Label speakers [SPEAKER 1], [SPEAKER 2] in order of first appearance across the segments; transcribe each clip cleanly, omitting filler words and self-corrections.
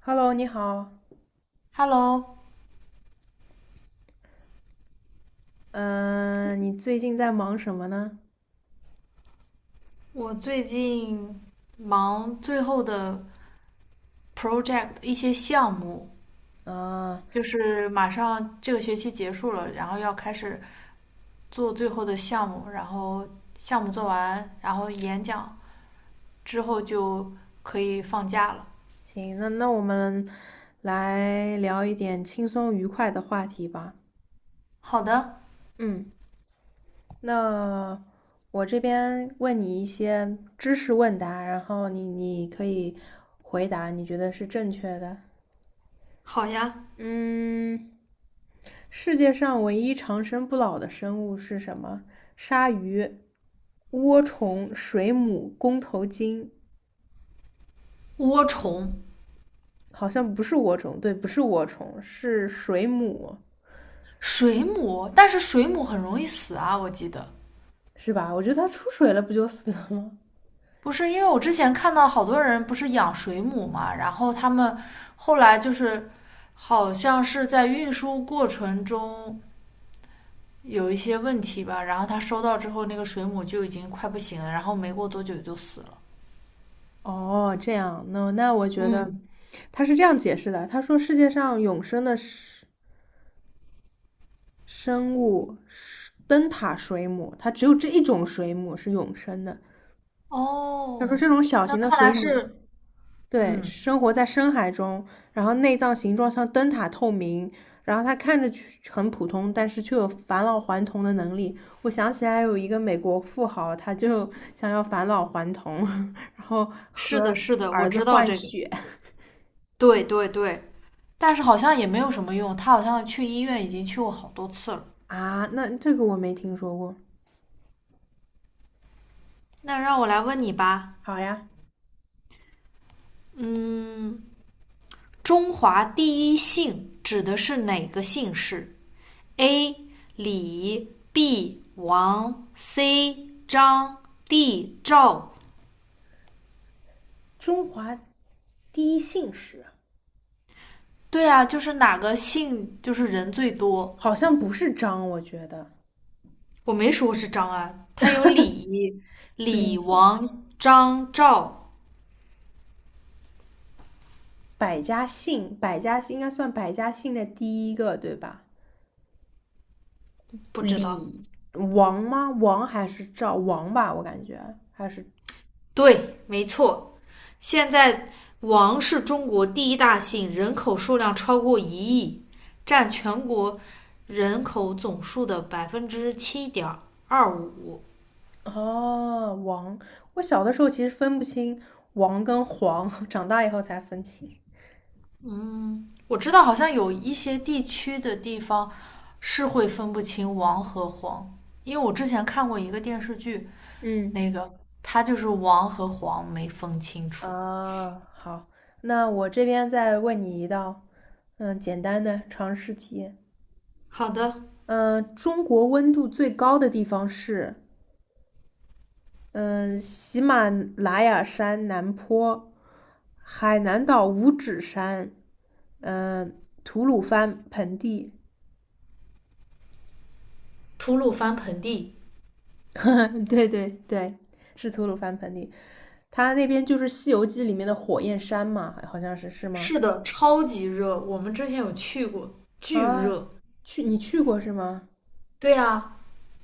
[SPEAKER 1] Hello，你好，
[SPEAKER 2] Hello，
[SPEAKER 1] 嗯、你最近在忙什么呢？
[SPEAKER 2] 我最近忙最后的 project 一些项目，
[SPEAKER 1] 啊，
[SPEAKER 2] 就是马上这个学期结束了，然后要开始做最后的项目，然后项目做完，然后演讲之后就可以放假了。
[SPEAKER 1] 行，那我们来聊一点轻松愉快的话题吧。
[SPEAKER 2] 好的，
[SPEAKER 1] 嗯，那我这边问你一些知识问答，然后你可以回答你觉得是正确的。
[SPEAKER 2] 好呀。
[SPEAKER 1] 嗯，世界上唯一长生不老的生物是什么？鲨鱼、涡虫、水母、弓头鲸。
[SPEAKER 2] 涡虫、
[SPEAKER 1] 好像不是涡虫，对，不是涡虫，是水母，
[SPEAKER 2] 水母，但是水母很容易死啊，我记得。
[SPEAKER 1] 是吧？我觉得它出水了不就死了吗？
[SPEAKER 2] 不是，因为我之前看到好多人不是养水母嘛，然后他们后来就是好像是在运输过程中有一些问题吧，然后他收到之后，那个水母就已经快不行了，然后没过多久就死了。
[SPEAKER 1] 哦，这样，那我觉得
[SPEAKER 2] 嗯，
[SPEAKER 1] 他是这样解释的，他说世界上永生的生物是灯塔水母，它只有这一种水母是永生的。他说
[SPEAKER 2] 哦，
[SPEAKER 1] 这种小
[SPEAKER 2] 那
[SPEAKER 1] 型的
[SPEAKER 2] 看
[SPEAKER 1] 水
[SPEAKER 2] 来
[SPEAKER 1] 母
[SPEAKER 2] 是，
[SPEAKER 1] 对，
[SPEAKER 2] 嗯，
[SPEAKER 1] 生活在深海中，然后内脏形状像灯塔透明，然后它看着去很普通，但是却有返老还童的能力。我想起来有一个美国富豪，他就想要返老还童，然后
[SPEAKER 2] 是的，
[SPEAKER 1] 和
[SPEAKER 2] 是的，我
[SPEAKER 1] 儿子
[SPEAKER 2] 知道
[SPEAKER 1] 换
[SPEAKER 2] 这个，
[SPEAKER 1] 血。
[SPEAKER 2] 对对对，但是好像也没有什么用，他好像去医院已经去过好多次了。
[SPEAKER 1] 啊，那这个我没听说过。
[SPEAKER 2] 那让我来问你吧，
[SPEAKER 1] 好呀，
[SPEAKER 2] 嗯，中华第一姓指的是哪个姓氏？A. 李 B. 王 C. 张 D. 赵。
[SPEAKER 1] 中华第一姓氏，
[SPEAKER 2] 对啊，就是哪个姓就是人最多。
[SPEAKER 1] 好像不是张，我觉得
[SPEAKER 2] 我没说是张安，他有李、李、
[SPEAKER 1] 李
[SPEAKER 2] 王、张、赵，
[SPEAKER 1] 百家姓，百家姓应该算百家姓的第一个，对吧？
[SPEAKER 2] 不知道。
[SPEAKER 1] 李王吗？王还是赵王吧？我感觉还是
[SPEAKER 2] 对，没错。现在王是中国第一大姓，人口数量超过1亿，占全国人口总数的7.25%。
[SPEAKER 1] 哦王。我小的时候其实分不清王跟黄，长大以后才分清。
[SPEAKER 2] 我知道好像有一些地区的地方是会分不清王和黄，因为我之前看过一个电视剧，
[SPEAKER 1] 嗯。
[SPEAKER 2] 那个它就是王和黄没分清楚。
[SPEAKER 1] 啊，好，那我这边再问你一道，嗯，简单的常识题。
[SPEAKER 2] 好的，
[SPEAKER 1] 嗯，中国温度最高的地方是？嗯，喜马拉雅山南坡、海南岛五指山，嗯，吐鲁番盆地。
[SPEAKER 2] 吐鲁番盆地
[SPEAKER 1] 对对对，是吐鲁番盆地，它那边就是《西游记》里面的火焰山嘛，好像是是吗？
[SPEAKER 2] 是的，超级热，我们之前有去过，巨
[SPEAKER 1] 啊，
[SPEAKER 2] 热。
[SPEAKER 1] 去你去过是吗？
[SPEAKER 2] 对呀，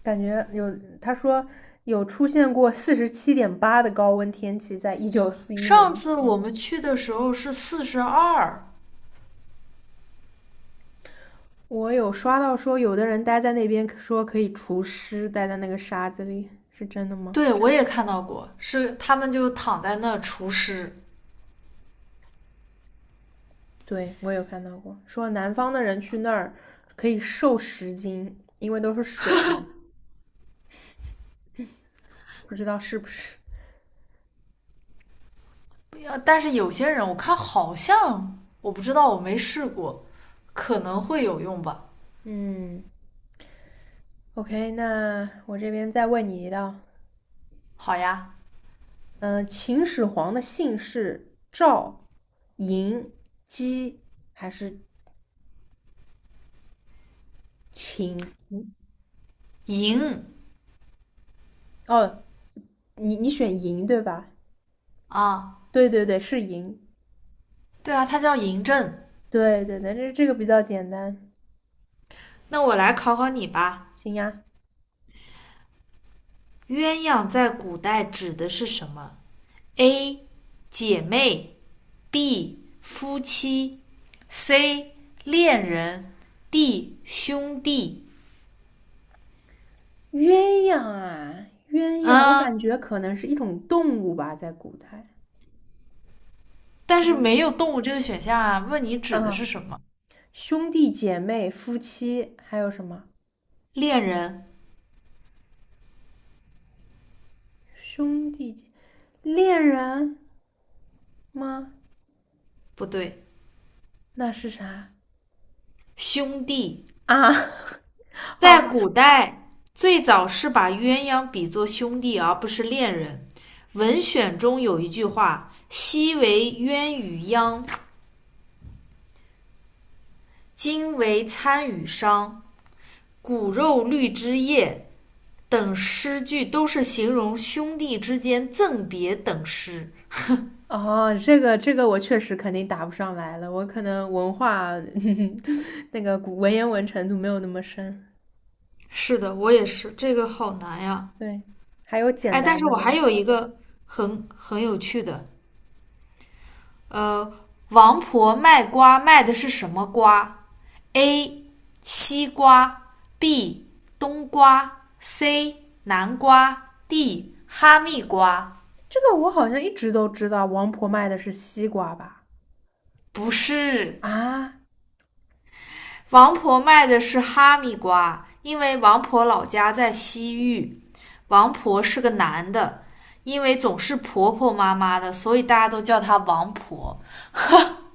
[SPEAKER 1] 感觉有，他说有出现过47.8的高温天气，在1941年
[SPEAKER 2] 上
[SPEAKER 1] 的时
[SPEAKER 2] 次我
[SPEAKER 1] 候。
[SPEAKER 2] 们去的时候是42，
[SPEAKER 1] 我有刷到说，有的人待在那边说可以除湿，待在那个沙子里，是真的吗？
[SPEAKER 2] 对，我也看到过，是他们就躺在那除湿。
[SPEAKER 1] 对，我有看到过，说南方的人去那儿可以瘦10斤，因为都是水不知道是不是。
[SPEAKER 2] 但是有些人我看好像我不知道，我没试过，可能会有用吧。
[SPEAKER 1] 嗯，OK,那我这边再问你一道。
[SPEAKER 2] 好呀，
[SPEAKER 1] 秦始皇的姓是赵、嬴、姬还是秦？
[SPEAKER 2] 嬴，
[SPEAKER 1] 哦，你选嬴对吧？
[SPEAKER 2] 啊，
[SPEAKER 1] 对对对，是嬴。
[SPEAKER 2] 对啊，它叫嬴政。
[SPEAKER 1] 对对对，这个比较简单。
[SPEAKER 2] 那我来考考你吧，
[SPEAKER 1] 行呀，
[SPEAKER 2] 鸳鸯在古代指的是什么？A. 姐妹 B 夫妻，C 恋人，D 兄弟。
[SPEAKER 1] 鸳鸯啊，鸳鸯，我
[SPEAKER 2] 嗯，
[SPEAKER 1] 感觉可能是一种动物吧，在古代。
[SPEAKER 2] 但是
[SPEAKER 1] 嗯，
[SPEAKER 2] 没有动物这个选项啊。问你指的是
[SPEAKER 1] 嗯，
[SPEAKER 2] 什么？
[SPEAKER 1] 兄弟姐妹、夫妻，还有什么？
[SPEAKER 2] 恋人
[SPEAKER 1] 兄弟姐，恋人吗？
[SPEAKER 2] 不对，
[SPEAKER 1] 那是啥
[SPEAKER 2] 兄弟
[SPEAKER 1] 啊？好
[SPEAKER 2] 在
[SPEAKER 1] 吧，
[SPEAKER 2] 古代最早是把鸳鸯比作兄弟，而不是恋人。文选中有一句话：“昔为鸳与鸯，今为参与商。骨肉绿枝叶，等诗句都是形容兄弟之间赠别等诗。
[SPEAKER 1] 哦，这个我确实肯定答不上来了，我可能文化 那个古文言文程度没有那么深。
[SPEAKER 2] 是的，我也是，这个好难呀。
[SPEAKER 1] 对，还有简
[SPEAKER 2] 哎，但
[SPEAKER 1] 单
[SPEAKER 2] 是
[SPEAKER 1] 的
[SPEAKER 2] 我还
[SPEAKER 1] 吗？
[SPEAKER 2] 有一个很有趣的，呃，王婆卖瓜卖的是什么瓜？A. 西瓜 B. 冬瓜 C. 南瓜 D. 哈密瓜。
[SPEAKER 1] 这个我好像一直都知道，王婆卖的是西瓜吧？
[SPEAKER 2] 不是。
[SPEAKER 1] 啊，
[SPEAKER 2] 王婆卖的是哈密瓜，因为王婆老家在西域。王婆是个男的，因为总是婆婆妈妈的，所以大家都叫她王婆。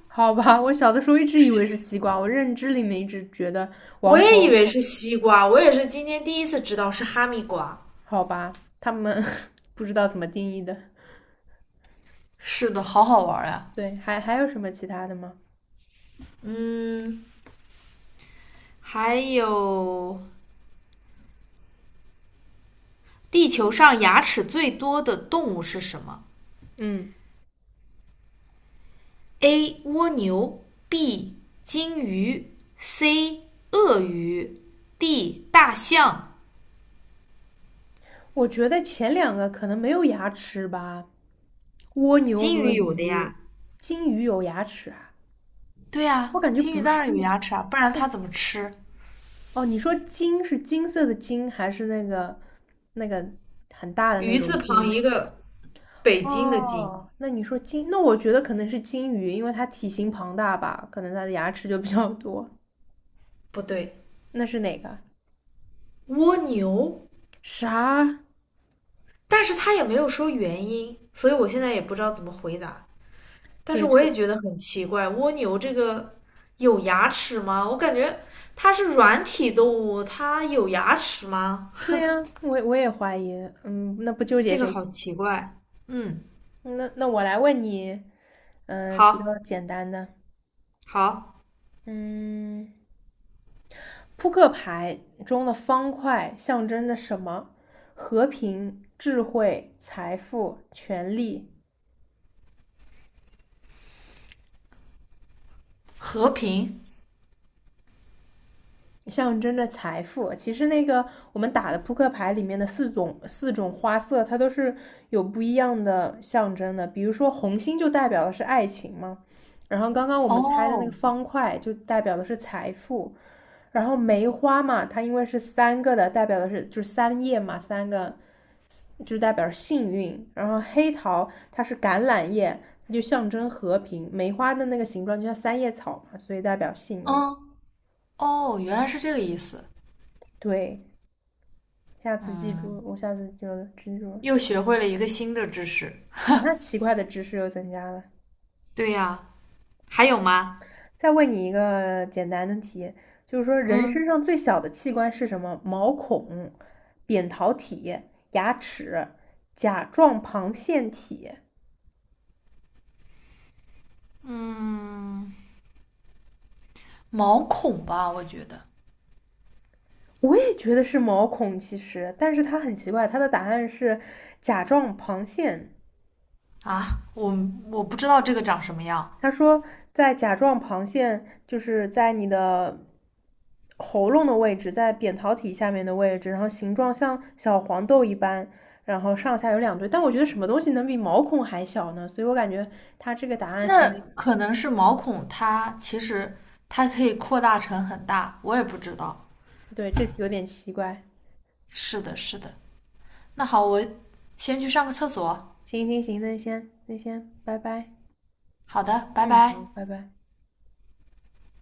[SPEAKER 1] 好吧，我小的时候一直以为是西瓜，我认知里面一直觉得
[SPEAKER 2] 我
[SPEAKER 1] 王
[SPEAKER 2] 也以
[SPEAKER 1] 婆。
[SPEAKER 2] 为是西瓜，我也是今天第一次知道是哈密瓜。
[SPEAKER 1] 好吧，他们 不知道怎么定义的。
[SPEAKER 2] 是的，好好玩呀、
[SPEAKER 1] 对，还有什么其他的吗？
[SPEAKER 2] 啊嗯，还有地球上牙齿最多的动物是什么
[SPEAKER 1] 嗯，
[SPEAKER 2] ？A. 蜗牛 B. 金鱼 C. 鳄鱼 D. 大象
[SPEAKER 1] 我觉得前两个可能没有牙齿吧，蜗牛
[SPEAKER 2] 金
[SPEAKER 1] 和
[SPEAKER 2] 鱼有的
[SPEAKER 1] 鱼，
[SPEAKER 2] 呀，
[SPEAKER 1] 金鱼有牙齿啊？
[SPEAKER 2] 对呀、啊
[SPEAKER 1] 我感觉
[SPEAKER 2] 金鱼
[SPEAKER 1] 不
[SPEAKER 2] 当
[SPEAKER 1] 是
[SPEAKER 2] 然有牙齿啊，不然它怎么吃？
[SPEAKER 1] 哦。你说金是金色的金，还是那个很大的那
[SPEAKER 2] 鱼字
[SPEAKER 1] 种
[SPEAKER 2] 旁
[SPEAKER 1] 金？
[SPEAKER 2] 一个北京的京，
[SPEAKER 1] 哦，那你说金，那我觉得可能是金鱼，因为它体型庞大吧，可能它的牙齿就比较多。
[SPEAKER 2] 不对，
[SPEAKER 1] 那是哪个？
[SPEAKER 2] 蜗牛，
[SPEAKER 1] 啥？
[SPEAKER 2] 但是它也没有说原因，所以我现在也不知道怎么回答。但是
[SPEAKER 1] 对，
[SPEAKER 2] 我也
[SPEAKER 1] 这
[SPEAKER 2] 觉得很奇怪，蜗牛这个有牙齿吗？我感觉它是软体动物，它有牙齿吗？
[SPEAKER 1] 对呀，我也怀疑。嗯，那不纠结
[SPEAKER 2] 这个
[SPEAKER 1] 这
[SPEAKER 2] 好
[SPEAKER 1] 题。
[SPEAKER 2] 奇怪。嗯，
[SPEAKER 1] 那我来问你，嗯、比较
[SPEAKER 2] 好，
[SPEAKER 1] 简单的，
[SPEAKER 2] 好，
[SPEAKER 1] 嗯，扑克牌中的方块象征着什么？和平、智慧、财富、权力。
[SPEAKER 2] 和平。
[SPEAKER 1] 象征着财富。其实那个我们打的扑克牌里面的四种花色，它都是有不一样的象征的。比如说红心就代表的是爱情嘛，然后刚刚我们猜的那个
[SPEAKER 2] 哦
[SPEAKER 1] 方块就代表的是财富，然后梅花嘛，它因为是三个的，代表的是就是三叶嘛，三个就代表幸运。然后黑桃它是橄榄叶，它就象征和平。梅花的那个形状就像三叶草嘛，所以代表幸运。
[SPEAKER 2] 嗯，哦，原来是这个意思。
[SPEAKER 1] 对。下次记
[SPEAKER 2] 嗯，
[SPEAKER 1] 住，我下次就记住了。
[SPEAKER 2] 又学会了一个新的知识。
[SPEAKER 1] 哈哈，奇怪的知识又增加了。
[SPEAKER 2] 对呀、啊还有吗？
[SPEAKER 1] 再问你一个简单的题，就是说人身
[SPEAKER 2] 嗯，
[SPEAKER 1] 上最小的器官是什么？毛孔、扁桃体、牙齿、甲状旁腺体。
[SPEAKER 2] 嗯，毛孔吧，我觉得
[SPEAKER 1] 我也觉得是毛孔，其实，但是它很奇怪，它的答案是甲状旁腺。
[SPEAKER 2] 啊，我我不知道这个长什么样。
[SPEAKER 1] 他说，在甲状旁腺，就是在你的喉咙的位置，在扁桃体下面的位置，然后形状像小黄豆一般，然后上下有两对。但我觉得什么东西能比毛孔还小呢？所以我感觉他这个答案可
[SPEAKER 2] 那
[SPEAKER 1] 能
[SPEAKER 2] 可能是毛孔，它其实它可以扩大成很大，我也不知道。
[SPEAKER 1] 对这题有点奇怪。
[SPEAKER 2] 是的，是的。那好，我先去上个厕所。
[SPEAKER 1] 行行行，那先那先拜拜。
[SPEAKER 2] 好的，拜
[SPEAKER 1] 嗯，好，
[SPEAKER 2] 拜。
[SPEAKER 1] 拜拜。